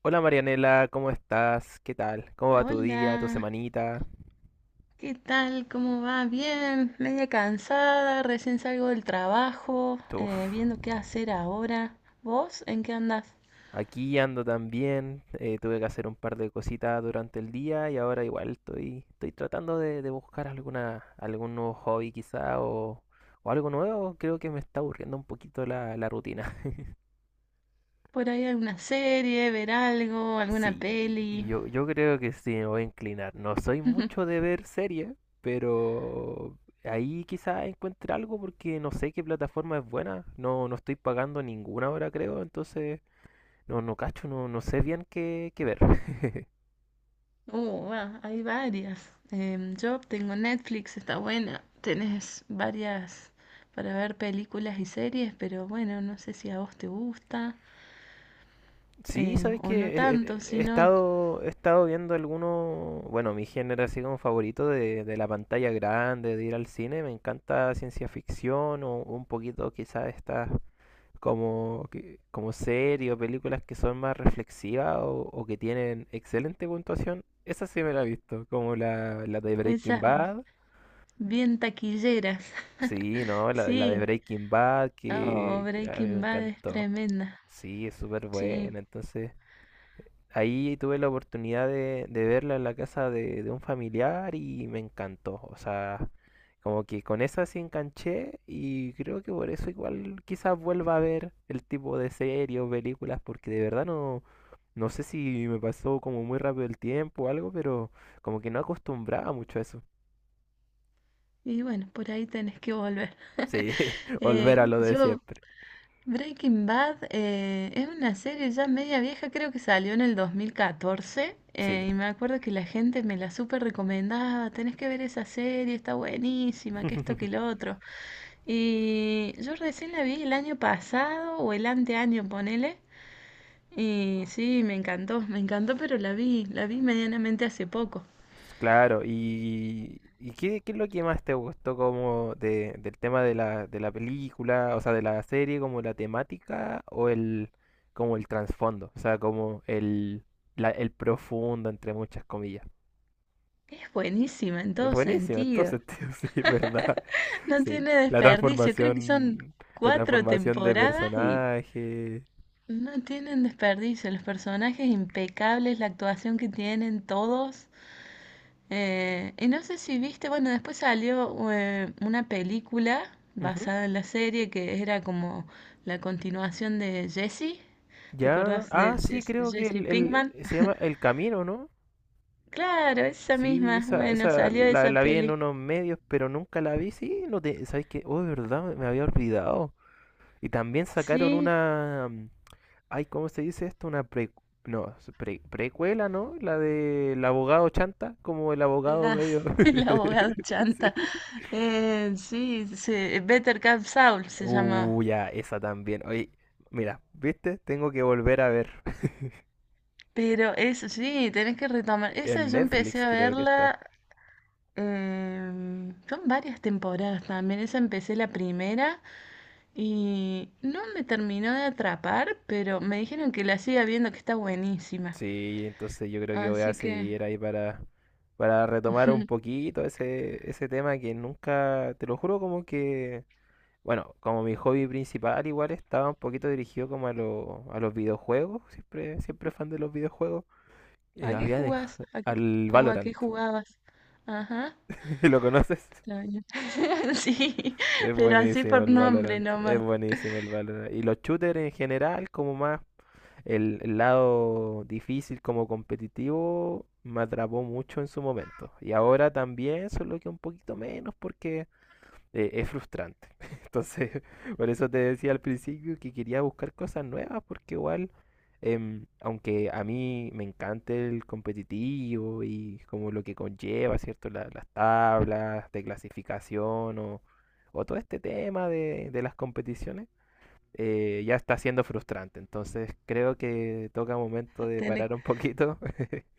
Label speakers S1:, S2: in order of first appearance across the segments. S1: Hola Marianela, ¿cómo estás? ¿Qué tal? ¿Cómo va tu día, tu
S2: Hola,
S1: semanita?
S2: ¿qué tal? ¿Cómo va? Bien, media cansada, recién salgo del trabajo,
S1: Uf,
S2: viendo qué hacer ahora. ¿Vos en qué andás?
S1: aquí ando también. Tuve que hacer un par de cositas durante el día y ahora igual estoy tratando de buscar alguna, algún nuevo hobby quizá o algo nuevo. Creo que me está aburriendo un poquito la rutina.
S2: ¿Por ahí alguna serie, ver algo, alguna
S1: Sí,
S2: peli?
S1: yo creo que sí, me voy a inclinar. No soy mucho de ver series, pero ahí quizás encuentre algo porque no sé qué plataforma es buena. No estoy pagando ninguna ahora, creo, entonces no, no cacho, no, no sé bien qué, qué ver.
S2: Va, hay varias. Yo tengo Netflix, está buena. Tenés varias para ver películas y series, pero bueno, no sé si a vos te gusta
S1: Sí, sabes
S2: o no
S1: que
S2: tanto, sino
S1: he estado viendo algunos, bueno, mi género así como favorito de la pantalla grande, de ir al cine, me encanta ciencia ficción o un poquito quizás estas como, como series o películas que son más reflexivas o que tienen excelente puntuación, esa sí me la he visto, como la de Breaking
S2: esas
S1: Bad.
S2: bien taquilleras.
S1: Sí, no, la de
S2: Sí.
S1: Breaking Bad
S2: Oh,
S1: que a mí me
S2: Breaking Bad es
S1: encantó.
S2: tremenda.
S1: Sí, es súper
S2: Sí.
S1: buena, entonces ahí tuve la oportunidad de verla en la casa de un familiar y me encantó. O sea, como que con esa sí enganché y creo que por eso igual quizás vuelva a ver el tipo de series o películas porque de verdad no, no sé si me pasó como muy rápido el tiempo o algo, pero como que no acostumbraba mucho a eso.
S2: Y bueno, por ahí tenés que volver.
S1: Sí, volver a
S2: Eh,
S1: lo de
S2: yo,
S1: siempre.
S2: Breaking Bad es una serie ya media vieja, creo que salió en el 2014.
S1: Sí.
S2: Eh, y me acuerdo que la gente me la súper recomendaba. Tenés que ver esa serie, está buenísima, que esto, que lo otro. Y yo recién la vi el año pasado o el anteaño, ponele. Y sí, me encantó, pero la vi medianamente hace poco.
S1: Claro, y qué, qué es lo que más te gustó como del tema de de la película, o sea, de la serie, como la temática o el, como el trasfondo, o sea, como el, el profundo, entre muchas comillas.
S2: Es buenísima en
S1: Es
S2: todo
S1: buenísimo,
S2: sentido.
S1: entonces, tío, sí, es verdad,
S2: No
S1: sí.
S2: tiene desperdicio. Creo que son
S1: La
S2: cuatro
S1: transformación de
S2: temporadas y
S1: personaje.
S2: no tienen desperdicio. Los personajes impecables, la actuación que tienen todos. Y no sé si viste, bueno, después salió una película
S1: Ujú.
S2: basada en la serie que era como la continuación de Jessie. ¿Te
S1: Ya,
S2: acordás
S1: ah,
S2: de
S1: sí, creo que
S2: Jesse Pinkman?
S1: el, se llama El Camino, ¿no?
S2: Claro, esa
S1: Sí,
S2: misma. Bueno,
S1: esa
S2: salió de esa
S1: la vi en
S2: peli.
S1: unos medios, pero nunca la vi. Sí, no te, ¿sabes qué? Oh, de verdad, me había olvidado. Y también sacaron
S2: Sí,
S1: una, ay, ¿cómo se dice esto? Una pre, no, es precuela, ¿no? La del abogado Chanta, como el abogado
S2: la,
S1: medio.
S2: el abogado
S1: Sí.
S2: chanta. Sí, Better Call Saul se llama.
S1: Ya, esa también. Oye, mira, ¿viste? Tengo que volver a ver.
S2: Pero eso sí, tenés que retomar. Esa
S1: En
S2: yo empecé
S1: Netflix
S2: a
S1: creo que está.
S2: verla. Em, son varias temporadas también. Esa empecé la primera y no me terminó de atrapar, pero me dijeron que la siga viendo, que está buenísima.
S1: Sí, entonces yo creo que voy a
S2: Así que,
S1: seguir ahí para retomar un poquito ese, ese tema que nunca, te lo juro, como que, bueno, como mi hobby principal igual estaba un poquito dirigido como a, a los videojuegos, siempre, siempre fan de los videojuegos.
S2: ¿a qué
S1: Había
S2: jugás?
S1: dejado al
S2: O a qué
S1: Valorant,
S2: jugabas? Ajá.
S1: ¿lo conoces?
S2: Extraño. Sí,
S1: Es
S2: pero así
S1: buenísimo
S2: por
S1: el
S2: nombre
S1: Valorant, es
S2: nomás.
S1: buenísimo el Valorant. Y los shooters en general, como más el lado difícil como competitivo me atrapó mucho en su momento. Y ahora también, solo que un poquito menos porque es frustrante. Entonces, por eso te decía al principio que quería buscar cosas nuevas porque igual, aunque a mí me encanta el competitivo y como lo que conlleva, ¿cierto? Las tablas de clasificación o todo este tema de las competiciones ya está siendo frustrante. Entonces creo que toca momento de
S2: Tenés,
S1: parar un poquito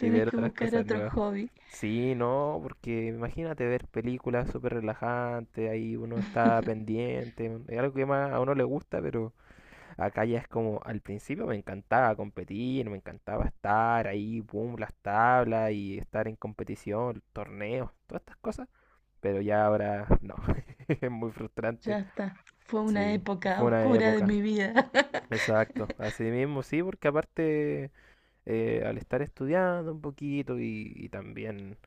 S1: y ver
S2: que
S1: otras
S2: buscar
S1: cosas
S2: otro
S1: nuevas.
S2: hobby.
S1: Sí, no, porque imagínate ver películas súper relajantes, ahí uno está pendiente, es algo que más a uno le gusta, pero acá ya es como, al principio me encantaba competir, me encantaba estar ahí, boom, las tablas y estar en competición, torneos, todas estas cosas, pero ya ahora no, es muy frustrante,
S2: Ya está. Fue una
S1: sí,
S2: época
S1: fue una
S2: oscura de
S1: época.
S2: mi vida.
S1: Exacto, así mismo sí, porque aparte al estar estudiando un poquito y también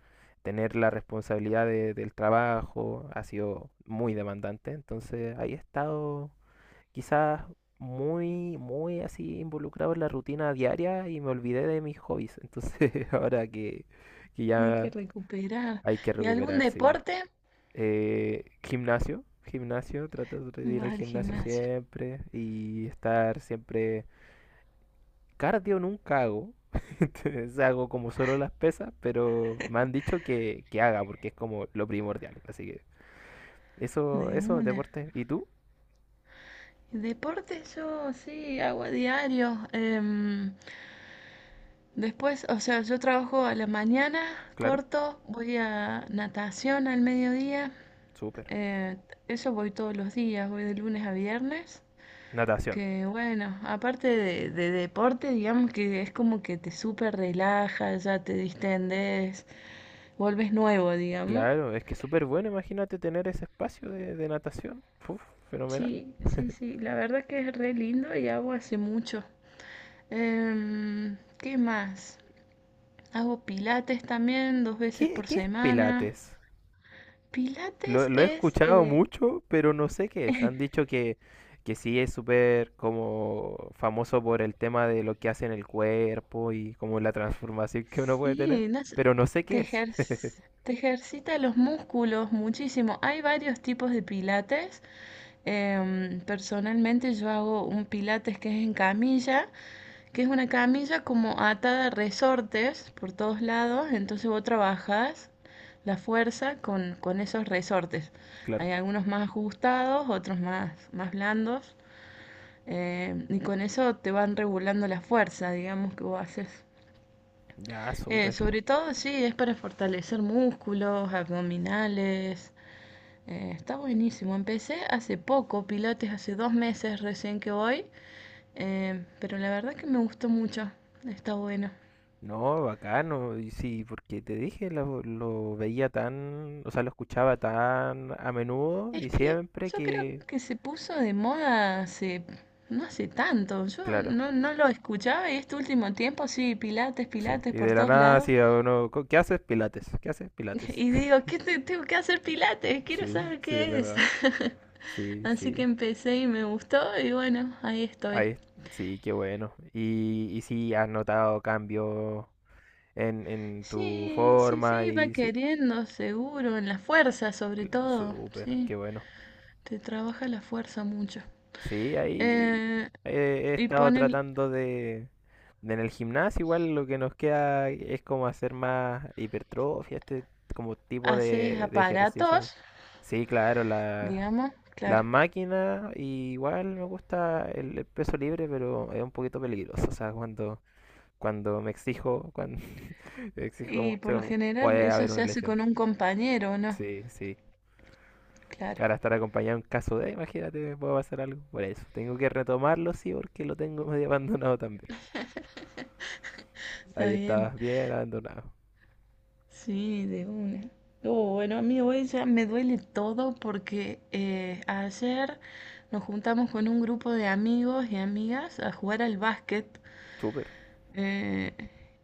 S1: tener la responsabilidad del trabajo ha sido muy demandante, entonces ahí he estado quizás muy, muy así involucrado en la rutina diaria y me olvidé de mis hobbies, entonces ahora que
S2: Hay que
S1: ya
S2: recuperar.
S1: hay que
S2: ¿Y algún
S1: recuperarse. Sí.
S2: deporte?
S1: Gimnasio, gimnasio, trato de ir
S2: Vas
S1: al
S2: al
S1: gimnasio
S2: gimnasio.
S1: siempre y estar siempre. Cardio nunca hago. Entonces hago como solo las pesas, pero me han dicho que haga porque es como lo primordial. Así que eso,
S2: De
S1: eso,
S2: una.
S1: deporte. ¿Y tú?
S2: Deporte yo sí hago a diario. Después, o sea, yo trabajo a la mañana,
S1: Claro,
S2: corto, voy a natación al mediodía.
S1: súper.
S2: eh, eso voy todos los días, voy de lunes a viernes.
S1: Natación.
S2: Que bueno, aparte de deporte, digamos que es como que te súper relajas, ya te distendes, vuelves nuevo, digamos.
S1: Claro, es que es súper bueno, imagínate tener ese espacio de natación. Uf, fenomenal.
S2: Sí, sí, sí, la verdad que es re lindo y hago hace mucho. ¿Qué más? Hago pilates también dos veces
S1: ¿Qué,
S2: por
S1: qué es
S2: semana.
S1: Pilates?
S2: Pilates
S1: Lo he
S2: es,
S1: escuchado mucho, pero no sé qué es. Han dicho que sí es súper como famoso por el tema de lo que hace en el cuerpo y como la transformación que uno puede tener,
S2: sí, no sé,
S1: pero no sé
S2: te
S1: qué es.
S2: ejer- te ejercita los músculos muchísimo. Hay varios tipos de pilates. Em, personalmente yo hago un pilates que es en camilla, que es una camilla como atada a resortes por todos lados, entonces vos trabajas la fuerza con esos resortes.
S1: Claro.
S2: Hay algunos más ajustados, otros más, más blandos, y con eso te van regulando la fuerza, digamos, que vos haces.
S1: Ya, súper.
S2: Sobre todo, sí, es para fortalecer músculos, abdominales, está buenísimo. Empecé hace poco, Pilates, hace dos meses recién que voy, pero la verdad que me gustó mucho. Está bueno.
S1: No, bacano. Y sí, porque te dije, lo veía tan, o sea, lo escuchaba tan a menudo
S2: Es
S1: y
S2: que
S1: siempre
S2: yo creo
S1: que...
S2: que se puso de moda hace, no hace tanto. Yo
S1: Claro,
S2: no, no lo escuchaba y este último tiempo sí, Pilates,
S1: sí.
S2: Pilates
S1: Y
S2: por
S1: de la
S2: todos
S1: nada,
S2: lados.
S1: sí, a uno, ¿Qué haces? Pilates. ¿Qué haces? Pilates.
S2: Y digo, tengo que hacer Pilates? Quiero
S1: Sí,
S2: saber
S1: sí, es
S2: qué es.
S1: verdad. Sí,
S2: Así que
S1: sí.
S2: empecé y me gustó y bueno, ahí estoy.
S1: Ahí, sí, qué bueno. Y sí, has notado cambios en tu
S2: Sí, sí,
S1: forma
S2: sí, va
S1: y sí,
S2: queriendo, seguro, en la fuerza sobre todo,
S1: súper,
S2: sí,
S1: qué bueno.
S2: te trabaja la fuerza mucho.
S1: Sí, ahí
S2: Eh,
S1: he
S2: y
S1: estado
S2: ponen,
S1: tratando de en el gimnasio, igual lo que nos queda es como hacer más hipertrofia, este como tipo
S2: haces
S1: de ejercicio.
S2: aparatos,
S1: Sí, claro, la,
S2: digamos,
S1: la
S2: claro.
S1: máquina y igual me gusta el peso libre, pero es un poquito peligroso, o sea, cuando cuando me exijo, cuando exijo
S2: Y por lo
S1: mucho,
S2: general
S1: puede
S2: eso
S1: haber una
S2: se hace
S1: lesión.
S2: con un compañero, ¿no?
S1: Sí, sí.
S2: Claro,
S1: Para estar acompañado en caso de, imagínate, me puede pasar algo. Por eso, tengo que retomarlo, sí, porque lo tengo medio abandonado también.
S2: está
S1: Ahí
S2: bien.
S1: estabas bien abandonado.
S2: Sí, de una. Oh, bueno, a mí hoy ya me duele todo porque ayer nos juntamos con un grupo de amigos y amigas a jugar al básquet.
S1: Súper.
S2: Eh,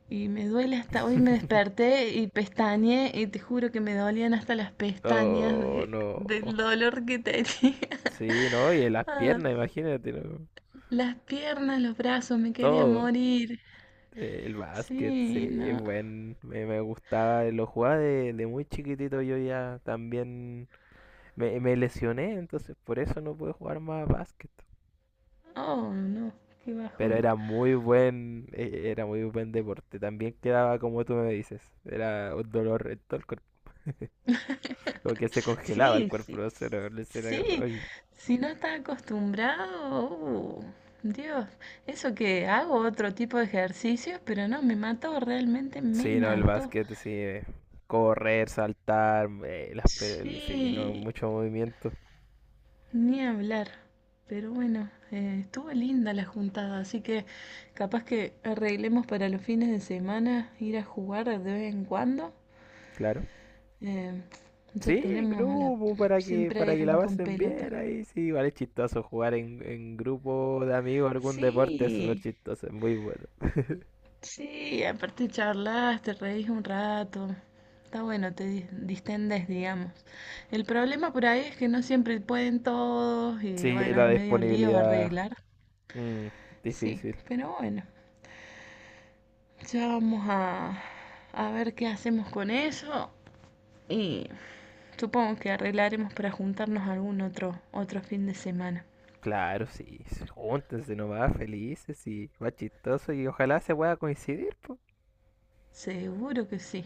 S2: y me duele hasta hoy, me desperté y pestañeé y te juro que me dolían hasta las pestañas
S1: Oh,
S2: del
S1: no.
S2: dolor que tenía.
S1: Sí, no, y las
S2: Ah,
S1: piernas, imagínate, ¿no?
S2: las piernas, los brazos, me quería
S1: Todo.
S2: morir.
S1: El básquet,
S2: Sí,
S1: sí,
S2: no.
S1: buen. Me gustaba, lo jugaba de muy chiquitito. Yo ya también me lesioné, entonces por eso no pude jugar más básquet.
S2: Oh, no, qué
S1: Pero
S2: bajón.
S1: era muy era muy buen deporte. También quedaba como tú me dices. Era un dolor en todo el cuerpo. Como que se congelaba el
S2: Sí,
S1: cuerpo.
S2: sí.
S1: No sé, no sé, era como,
S2: Sí,
S1: "Ay".
S2: si no estás acostumbrado, Dios, eso que hago otro tipo de ejercicios, pero no, me mató, realmente me
S1: Sí, no, el
S2: mató.
S1: básquet, sí. Correr, saltar, las, sí, no,
S2: Sí,
S1: mucho movimiento,
S2: ni hablar. Pero bueno, estuvo linda la juntada, así que capaz que arreglemos para los fines de semana ir a jugar de vez en cuando.
S1: claro.
S2: Eh,
S1: Sí,
S2: ya
S1: en
S2: tenemos la
S1: grupo, para
S2: siempre
S1: que la
S2: alguien con
S1: pasen
S2: pelota.
S1: bien ahí, sí, vale, es chistoso jugar en grupo de amigos, algún deporte es súper
S2: Sí,
S1: chistoso, es muy bueno.
S2: sí, aparte charlas, te reís un rato. Está bueno, distendes, digamos. El problema por ahí es que no siempre pueden todos y
S1: Sí,
S2: bueno,
S1: la
S2: es medio lío
S1: disponibilidad,
S2: arreglar.
S1: mm,
S2: Sí,
S1: difícil.
S2: pero bueno. Ya vamos a, a ver qué hacemos con eso y supongo que arreglaremos para juntarnos algún otro, otro fin de semana.
S1: Claro, sí, sí, júntense nomás, felices y más chistoso y ojalá se pueda coincidir, po.
S2: Seguro que sí.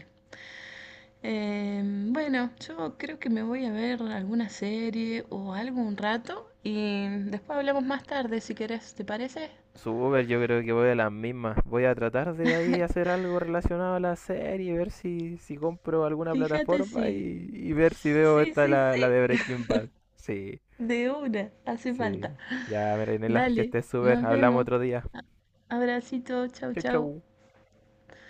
S2: Eh, bueno, yo creo que me voy a ver alguna serie o algo un rato y después hablamos más tarde si querés, ¿te parece?
S1: Super, yo creo que voy a las mismas. Voy a tratar de ahí hacer algo relacionado a la serie, ver si, si compro alguna
S2: Fíjate
S1: plataforma
S2: si...
S1: y ver si veo
S2: Sí,
S1: esta,
S2: sí,
S1: la de
S2: sí.
S1: Breaking Bad. Sí,
S2: De una, hace falta.
S1: sí. Ya, Merenela, que
S2: Dale,
S1: estés súper.
S2: nos
S1: Hablamos
S2: vemos.
S1: otro día.
S2: A- Abracito, chau,
S1: Chau,
S2: chau.
S1: chau.